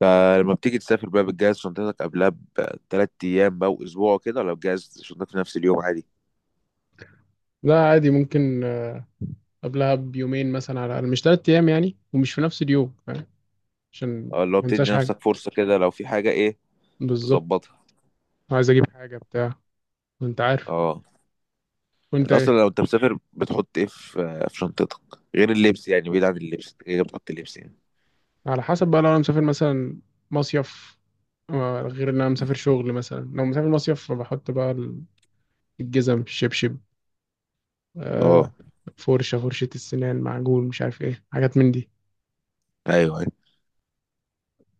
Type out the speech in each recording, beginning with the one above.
فلما بتيجي تسافر بقى بتجهز شنطتك قبلها بثلاث ايام بقى واسبوع كده، ولا بتجهز شنطتك في نفس اليوم عادي؟ لا، عادي ممكن. قبلها بيومين مثلا على الأقل، مش تلات أيام يعني، ومش في نفس اليوم. فاهم؟ عشان اه، اللي هو ما بتدي انساش نفسك حاجة. فرصة كده لو في حاجة ايه بالظبط. تظبطها. عايز أجيب حاجة بتاع. وأنت عارف. اه، وأنت انت إيه؟ اصلا لو انت مسافر بتحط ايه في شنطتك غير اللبس؟ يعني بعيد عن اللبس انت كده كده بتحط اللبس يعني. على حسب بقى. لو أنا مسافر مثلا مصيف، غير إن أنا مسافر شغل. مثلا لو مسافر مصيف، فبحط بقى الجزم، الشبشب، آه، اه. فرشة السنان، معجون، مش عارف إيه، حاجات من دي. ايوه ايوه.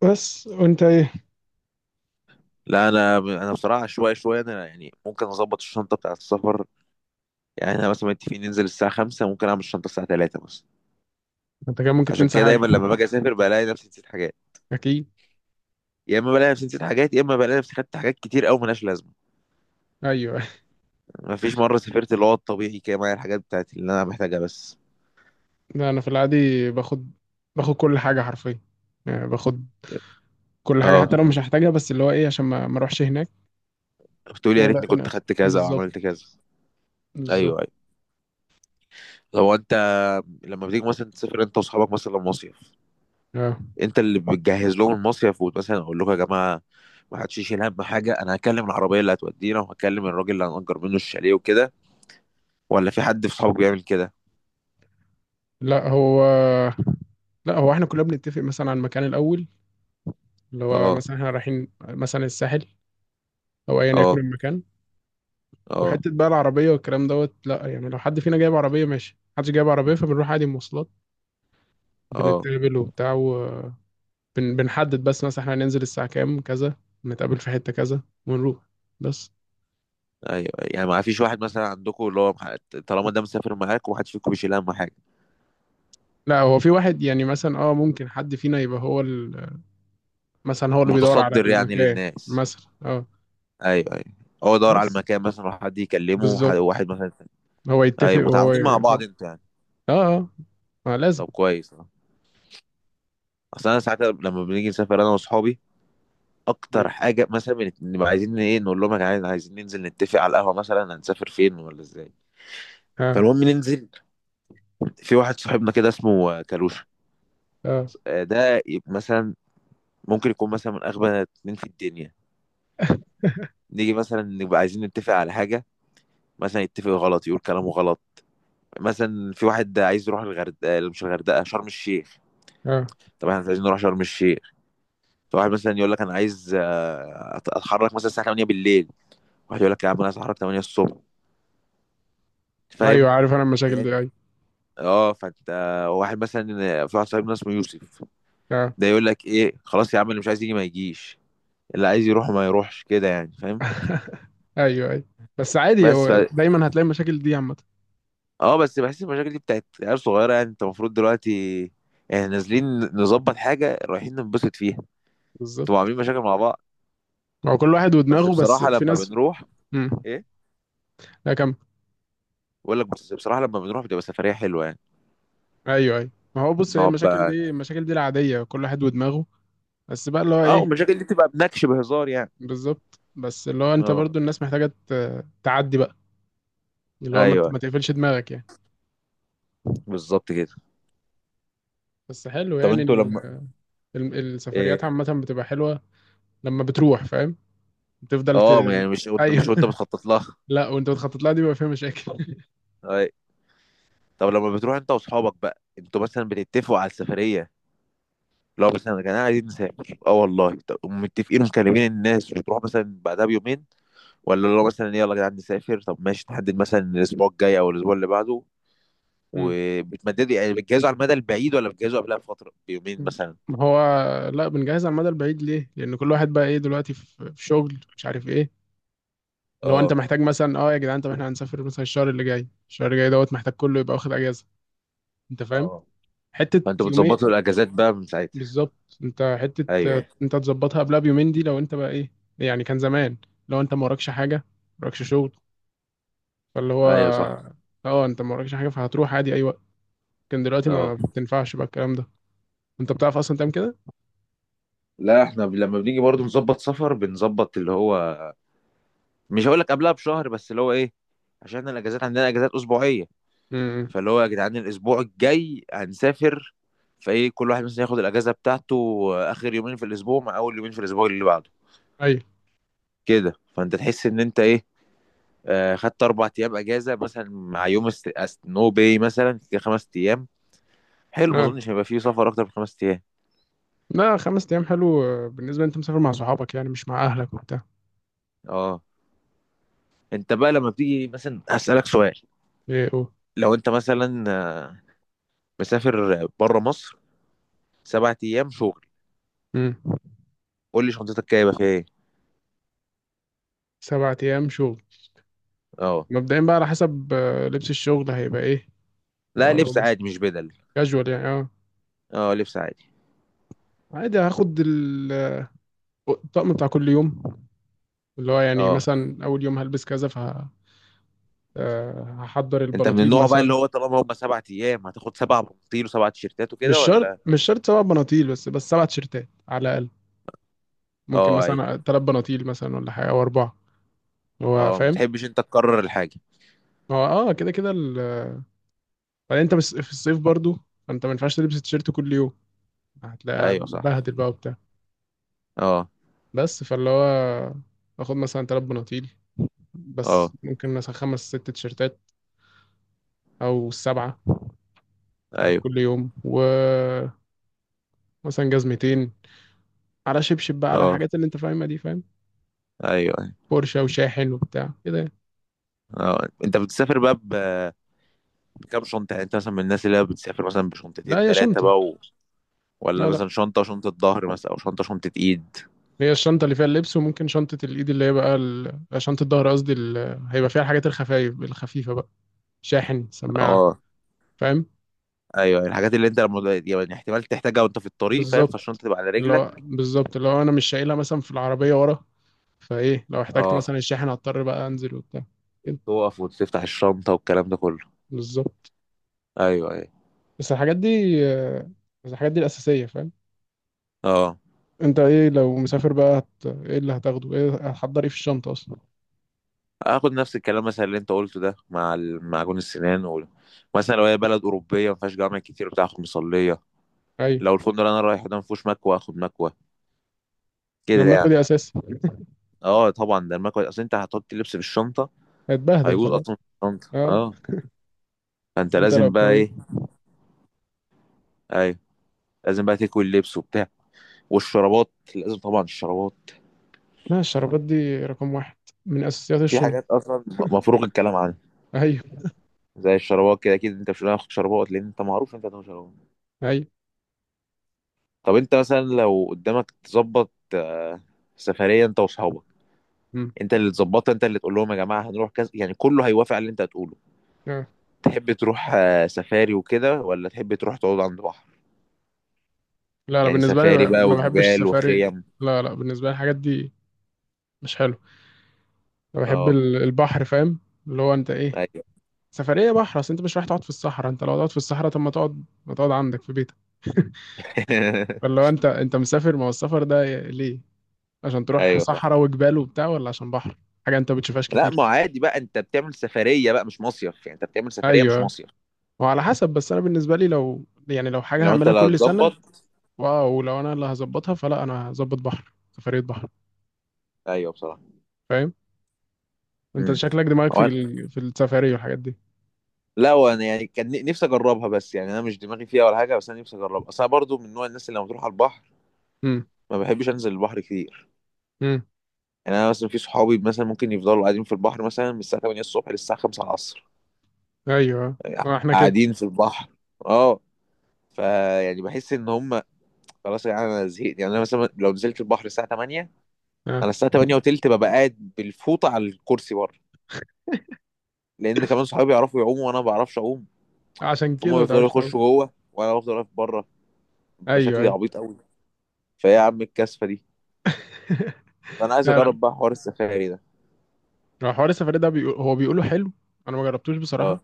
بس. وأنت إيه؟ لا، انا بصراحه شويه شويه انا يعني ممكن اظبط الشنطه بتاعه السفر، يعني احنا مثلا متفقين ننزل الساعه 5 ممكن اعمل الشنطه الساعه 3 بس. أنت كمان ممكن عشان تنسى كده حاجة. دايما لما باجي اسافر بلاقي نفسي نسيت حاجات، أكيد. يا اما بلاقي نفسي نسيت حاجات يا اما بلاقي نفسي خدت حاجات كتير قوي ملهاش لازمه. أيوه. ما فيش مره سافرت اللي هو الطبيعي كده معايا الحاجات بتاعتي اللي انا محتاجها بس. لا، أنا في العادي باخد كل حاجة حرفيا. يعني باخد كل حاجه اه. حتى لو مش هحتاجها، بس اللي هو ايه، عشان ما اروحش هناك. بتقول يا ولا ريتني انا. كنت خدت كذا او بالظبط. عملت كذا. بالظبط. ايوه ايوه. هو انت لما بتيجي مثلا تسافر انت واصحابك مثلا مصيف، اه. انت اللي بتجهز لهم المصيف، ومثلا اقول لكم يا جماعه ما حدش يشيل هم حاجه، انا هكلم العربيه اللي هتودينا وهكلم الراجل اللي هنأجر منه الشاليه وكده، ولا في حد في صحابك بيعمل كده؟ لا هو لا هو احنا كلنا بنتفق مثلا على المكان الاول. اللي هو اه، مثلا احنا رايحين مثلا الساحل، او ايا يكن اه، المكان. اه، وحته بقى العربيه والكلام دوت، لا يعني، لو حد فينا جايب عربيه ماشي، محدش جايب عربيه فبنروح عادي مواصلات. اه. بنتقابل وبتاع، وبنحدد بس مثلا احنا هننزل الساعه كام، كذا، نتقابل في حته كذا ونروح. بس. ايوه، أيوة. يعني ما فيش واحد مثلا عندكم اللي هو طالما ده مسافر معاك وواحد فيكم بيشيل اهم حاجه، لا هو في واحد يعني، مثلا ممكن حد فينا يبقى هو، مثلا هو اللي بيدور على متصدر يعني المكان للناس؟ مثلا. اه. ايوه ايوه. هو يدور على بس. المكان مثلا وحد يكلمه بالظبط. وواحد مثلا. هو يتفق ايوه، وهو متعاونين مع بعض يخبط. انتوا يعني. اه اه، ما لازم. طب كويس اه. اصل انا ساعات لما بنيجي نسافر انا واصحابي اكتر مم. حاجه مثلا بنبقى عايزين ايه، نقول لهم يا جدعان عايزين ننزل نتفق على القهوه مثلا هنسافر فين ولا ازاي. اه فالمهم ننزل. في واحد صاحبنا كده اسمه كالوشة. اه. ده مثلا ممكن يكون مثلا من اغبى اتنين في الدنيا. نيجي مثلا نبقى عايزين نتفق على حاجة، مثلا يتفق غلط يقول كلامه غلط، مثلا في واحد عايز يروح الغردقة مش الغردقة شرم الشيخ. اه. طب احنا مش عايزين نروح شرم الشيخ. فواحد مثلا يقول لك انا عايز اتحرك مثلا الساعة 8 بالليل، واحد يقول لك يا عم انا عايز اتحرك 8 الصبح، فاهم؟ ايوه، عارف انا المشاكل دي. ايوه. اه، فانت. واحد مثلا في واحد صاحبنا اسمه يوسف، اه. ده يقول لك ايه خلاص يا عم اللي مش عايز يجي ما يجيش اللي عايز يروح ما يروحش، كده يعني فاهم. ايوه ايوه. بس عادي، بس. هو دايما هتلاقي المشاكل دي عامه. اه، بس بحس المشاكل دي بتاعت عيال صغيره، يعني انت المفروض دلوقتي يعني نازلين نظبط حاجه رايحين ننبسط فيها، انتوا بالظبط. عاملين مشاكل مع بعض. ما هو كل واحد بس ودماغه. بس بصراحه في لما ناس. بنروح امم. ايه، لا كم. بقول لك بس بصراحه لما بنروح بتبقى سفريه حلوه يعني. ايوه ايوه. ما هو بص، هي نقعد المشاكل بقى. دي، المشاكل دي العاديه، كل واحد ودماغه. بس بقى اللي هو اه، ايه؟ والمشاكل دي بتبقى بنكش بهزار يعني. بالظبط. بس اللي هو انت اه، برضو، الناس محتاجه تعدي بقى. اللي هو ايوه ما تقفلش دماغك يعني. بالظبط كده. بس حلو طب يعني انتوا لما السفريات ايه، عامة بتبقى حلوة. لما بتروح فاهم، بتفضل اه يعني مش ايوه. وانت بتخطط لها لا، وانت بتخطط لها دي بيبقى فيها مشاكل. اي. طب لما بتروح انت واصحابك بقى انتوا مثلا بتتفقوا على السفريه، لو مثلا يا جماعه عايزين نسافر اه والله، طب متفقين ومكلمين الناس وتروح مثلا بعدها بيومين، ولا لو مثلا يلا يا جدعان نسافر طب ماشي تحدد مثلا الاسبوع الجاي او الاسبوع اللي بعده، مم. وبتمددوا يعني بتجهزوا على المدى البعيد ولا بتجهزوا قبلها بفتره بيومين مثلا؟ ما هو لا، بنجهز على المدى البعيد. ليه؟ لأن كل واحد بقى ايه دلوقتي، في شغل، مش عارف ايه. لو انت اه محتاج مثلا، يا جدعان، طب احنا هنسافر مثلا الشهر اللي جاي. الشهر اللي جاي دوت محتاج كله يبقى واخد اجازة. انت فاهم؟ اه، حتة فانتوا يومين. بتظبطوا الاجازات بقى من ساعتها. بالظبط، انت حتة. ايوه انت تظبطها قبلها بيومين، دي لو انت بقى ايه. يعني كان زمان، لو انت ما وراكش حاجة، ما وراكش شغل، فاللي هو ايوه صح اه انت ما وراكش حاجه فهتروح عادي اي وقت. لكن دلوقتي ما اه. بتنفعش بقى الكلام ده. انت بتعرف اصلا تعمل كده. لا احنا لما بنيجي برضو نظبط سفر بنظبط اللي هو مش هقول لك قبلها بشهر بس اللي هو ايه، عشان احنا الاجازات عندنا اجازات اسبوعيه. امم. فاللي هو يا جدعان الاسبوع الجاي هنسافر، فايه كل واحد مثلا ياخد الاجازه بتاعته اخر يومين في الاسبوع مع اول يومين في الاسبوع اللي بعده ايوه. كده، فانت تحس ان انت ايه خدت 4 ايام اجازه مثلا مع يوم نو باي مثلا كده 5 ايام، حلو ما اظنش اه. هيبقى فيه سفر اكتر من 5 ايام. لا، خمس ايام حلو. بالنسبه انت مسافر مع صحابك يعني، مش مع اهلك وبتاع. اه، انت بقى لما بتيجي مثلا هسألك سؤال. ايه. اوه. لو انت مثلا مسافر بره مصر 7 ايام شغل امم. قول لي شنطتك جايبه فيها ايه. سبعة ايام شغل. اه. مبدئيا بقى، على حسب لبس الشغل هيبقى ايه. لا، اه لو لبس مثلا، عادي مش بدل. كاجوال يعني. اه. اه لبس عادي. عادي، هاخد الطقم بتاع كل يوم. اللي هو يعني اه، مثلا، اول يوم هلبس كذا ف هحضر انت من البناطيل النوع بقى اللي مثلا. هو طالما هم 7 ايام هتاخد 7 بناطيل وسبع تيشيرتات مش وكده شرط ولا؟ مش شرط سبع بناطيل، بس سبع تيشيرتات على الاقل. ممكن اه اي، مثلا ثلاث بناطيل مثلا، ولا حاجه او اربعه. هو اه ما فاهم. بتحبش انت تكرر الحاجه. هو كده كده بعدين انت بس في الصيف برضو، فانت ما ينفعش تلبس تيشيرت كل يوم. هتلاقي ايوه صح. هتبهدل بقى وبتاع. اه. بس فاللي هو، باخد مثلا ثلاث بناطيل، بس اه ممكن مثلا خمس ست تيشيرتات، او السبعه بتاع ايوه كل يوم. ومثلا جزمتين، على شبشب بقى، على اه. الحاجات اللي انت فاهمها دي. فاهم. ايوه ايوه. بورشه وشاحن وبتاع كده يعني. اه، انت بتسافر بقى بكام شنطه؟ يعني انت مثلا من الناس اللي هي بتسافر مثلا لا، بشنطتين هي ثلاثه شنطه. بقى و... ولا لا مثلا لا. شنطه ظهر مثلا، او شنطه ايد؟ هي الشنطة اللي فيها اللبس، وممكن شنطة الإيد اللي هي بقى ال... آه، شنطة الظهر قصدي هيبقى فيها الحاجات الخفايف الخفيفة بقى، شاحن، سماعة. اه، فاهم. ايوه ايوه. الحاجات اللي انت لما يعني احتمال تحتاجها وانت في الطريق فاهم، بالظبط. فالشنطه تبقى على اللي رجلك. هو بالظبط، اللي هو أنا مش شايلها مثلا في العربية ورا. فإيه، لو احتجت اه، مثلا الشاحن، هضطر بقى أنزل وبتاع. كده. تقف وتفتح الشنطه والكلام ده كله. بالظبط. ايوه ايوه بس الحاجات دي آه، بس الحاجات دي الأساسية. فاهم. اه. أنت إيه لو مسافر بقى إيه اللي هتاخده، إيه هتحضر، إيه في الشنطة أصلا؟ اخد نفس الكلام مثلا اللي انت قلته ده مع معجون السنان و... مثلا لو هي بلد اوروبيه ما فيهاش جامع كتير بتاع اخد مصليه، أيوة. لو الفندق اللي انا رايحه ده ما فيهوش مكوه اخد مكوه، كده لما يعني. دي أساسي. اه طبعا ده المكوه، اصل انت هتحط اللبس في الشنطه هتبهدل هيبوظ خلاص. اصلا في الشنطه أه. اه. فانت وأنت لو لازم بقى كوي. ايه. ايوه، لازم بقى تكوي اللبس وبتاع، والشرابات لازم، طبعا الشرابات. لا، الشرابات دي رقم واحد، من أساسيات في الشنط. حاجات اصلا مفروغ الكلام عنها أيوه زي الشرابات، كده اكيد انت مش هتاخد شرابات لان انت معروف انت هتاخد شرابات. أيوه. طب انت مثلا لو قدامك تظبط سفرية انت واصحابك، مم. انت اللي تظبطها انت اللي تقول لهم يا جماعة هنروح كذا يعني كله هيوافق على اللي انت هتقوله. آه. تحب تروح سفاري وكده ولا تحب تروح تقعد عند بحر؟ لا، أنا يعني بالنسبة لي سفاري ما بقى ما بحبش وجبال السفاري. وخيم. لا لا، بالنسبة لي الحاجات دي مش حلو. أنا بحب اه البحر. فاهم. اللي هو أنت إيه؟ ايوه سفرية بحر، أصل أنت مش رايح تقعد في الصحراء. أنت لو تقعد في الصحراء، طب ما تقعد عندك في بيتك. فاللي هو أنت مسافر، ما هو السفر ده ليه؟ عشان تروح ايوه صح. صحراء وجبال وبتاع، ولا عشان بحر؟ حاجة أنت ما بتشوفهاش لا، كتير. ما عادي بقى انت بتعمل سفرية بقى مش مصيف، يعني انت بتعمل سفرية مش أيوه. مصيف. وعلى حسب. بس أنا بالنسبة لي، لو حاجة لو انت هعملها اللي كل سنة، هتظبط. واو، لو انا اللي هظبطها فلا، انا هظبط بحر. سفرية بحر. ايوه بصراحة. فاهم. انت امم. شكلك دماغك في السفاري والحاجات دي. لا، وانا يعني كان نفسي اجربها، بس يعني انا مش دماغي فيها ولا حاجه، بس انا نفسي اجربها اصل انا برضو من نوع الناس اللي لما تروح على البحر امم. ما بحبش انزل البحر كتير. امم. يعني انا مثلا في صحابي مثلا ممكن يفضلوا قاعدين في البحر مثلا من الساعه 8 الصبح للساعه 5 العصر، ايوه، يعني ما احنا كده. قاعدين في البحر اه. فيعني بحس ان هم خلاص، يعني انا زهقت، يعني انا مثلا لو نزلت البحر الساعه 8 آه. انا الساعه 8 وتلت ببقى قاعد بالفوطه على الكرسي بره، لان كمان صحابي يعرفوا يعوموا وانا ما بعرفش اعوم. عشان فهم كده ما بيفضلوا تعرفش تقول. يخشوا جوه وانا بفضل واقف بره ايوه بشكل ايوه. عبيط قوي. فيا عم الكاسفه دي. فانا عايز لا لا. اجرب بقى حوار السفاري ده هو حوار السفاري ده بيقول... هو بيقوله حلو. انا ما جربتوش بصراحة. اه.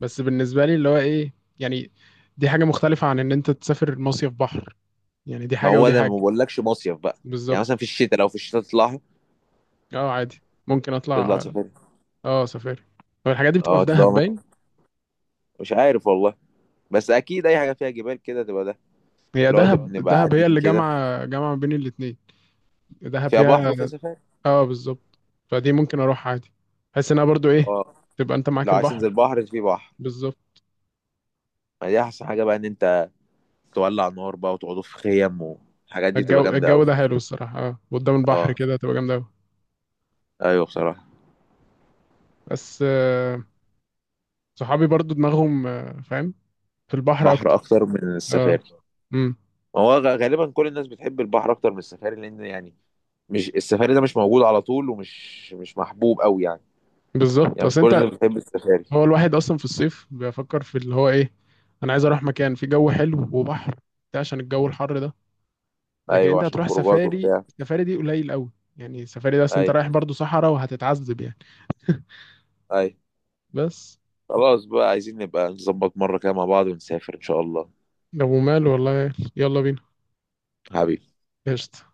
بس بالنسبة لي اللي هو ايه، يعني، دي حاجة مختلفة عن ان انت تسافر مصيف بحر. يعني دي ما حاجة هو ودي ده حاجة. ما بقولكش مصيف بقى، يعني بالظبط. مثلا في الشتاء لو في الشتاء تطلعها، اه، عادي ممكن تطلع اطلع. سفاري. اه سفاري. هو الحاجات دي بتبقى اه في تطلع دهب باين. مثلا مش عارف والله، بس اكيد اي حاجه فيها جبال كده تبقى ده هي اللي هو تبقى دهب، نبقى دهب هي قاعدين اللي كده جامعة، جامعة بين الاتنين. دهب فيها بحر فيها، وفيها سفاري اه، بالظبط. فدي ممكن اروح عادي، بحيث انها برضو ايه، اه. تبقى انت معاك لو عايز تنزل البحر. بحر في بحر، بالظبط. ما دي احسن حاجه بقى ان انت تولع نار بقى وتقعدوا في خيم والحاجات دي بتبقى الجو جامده الجو قوي ده حلو الصراحه، قدام البحر اه كده تبقى جامده قوي. ايوه بصراحه. بس، صحابي برضو دماغهم فاهم، في البحر بحر اكتر. اكتر من اه. السفاري. امم. ما هو غالبا كل الناس بتحب البحر اكتر من السفاري لان يعني مش السفاري ده مش موجود على طول، ومش مش محبوب قوي يعني. بالظبط، يعني مش اصل كل انت. الناس بتحب السفاري. هو الواحد اصلا في الصيف بيفكر في اللي هو ايه، انا عايز اروح مكان فيه جو حلو وبحر. ده عشان الجو الحر ده. لكن ايوه انت عشان هتروح خروجات سفاري، وبتاع السفاري دي قليل قوي. يعني السفاري ده، اصل انت اي رايح برضو صحراء، وهتتعذب يعني. اي. بس. خلاص بقى، عايزين نبقى نظبط مرة كده مع بعض ونسافر ان شاء الله. لو مال والله يلا بينا. حبيبي. قشطة.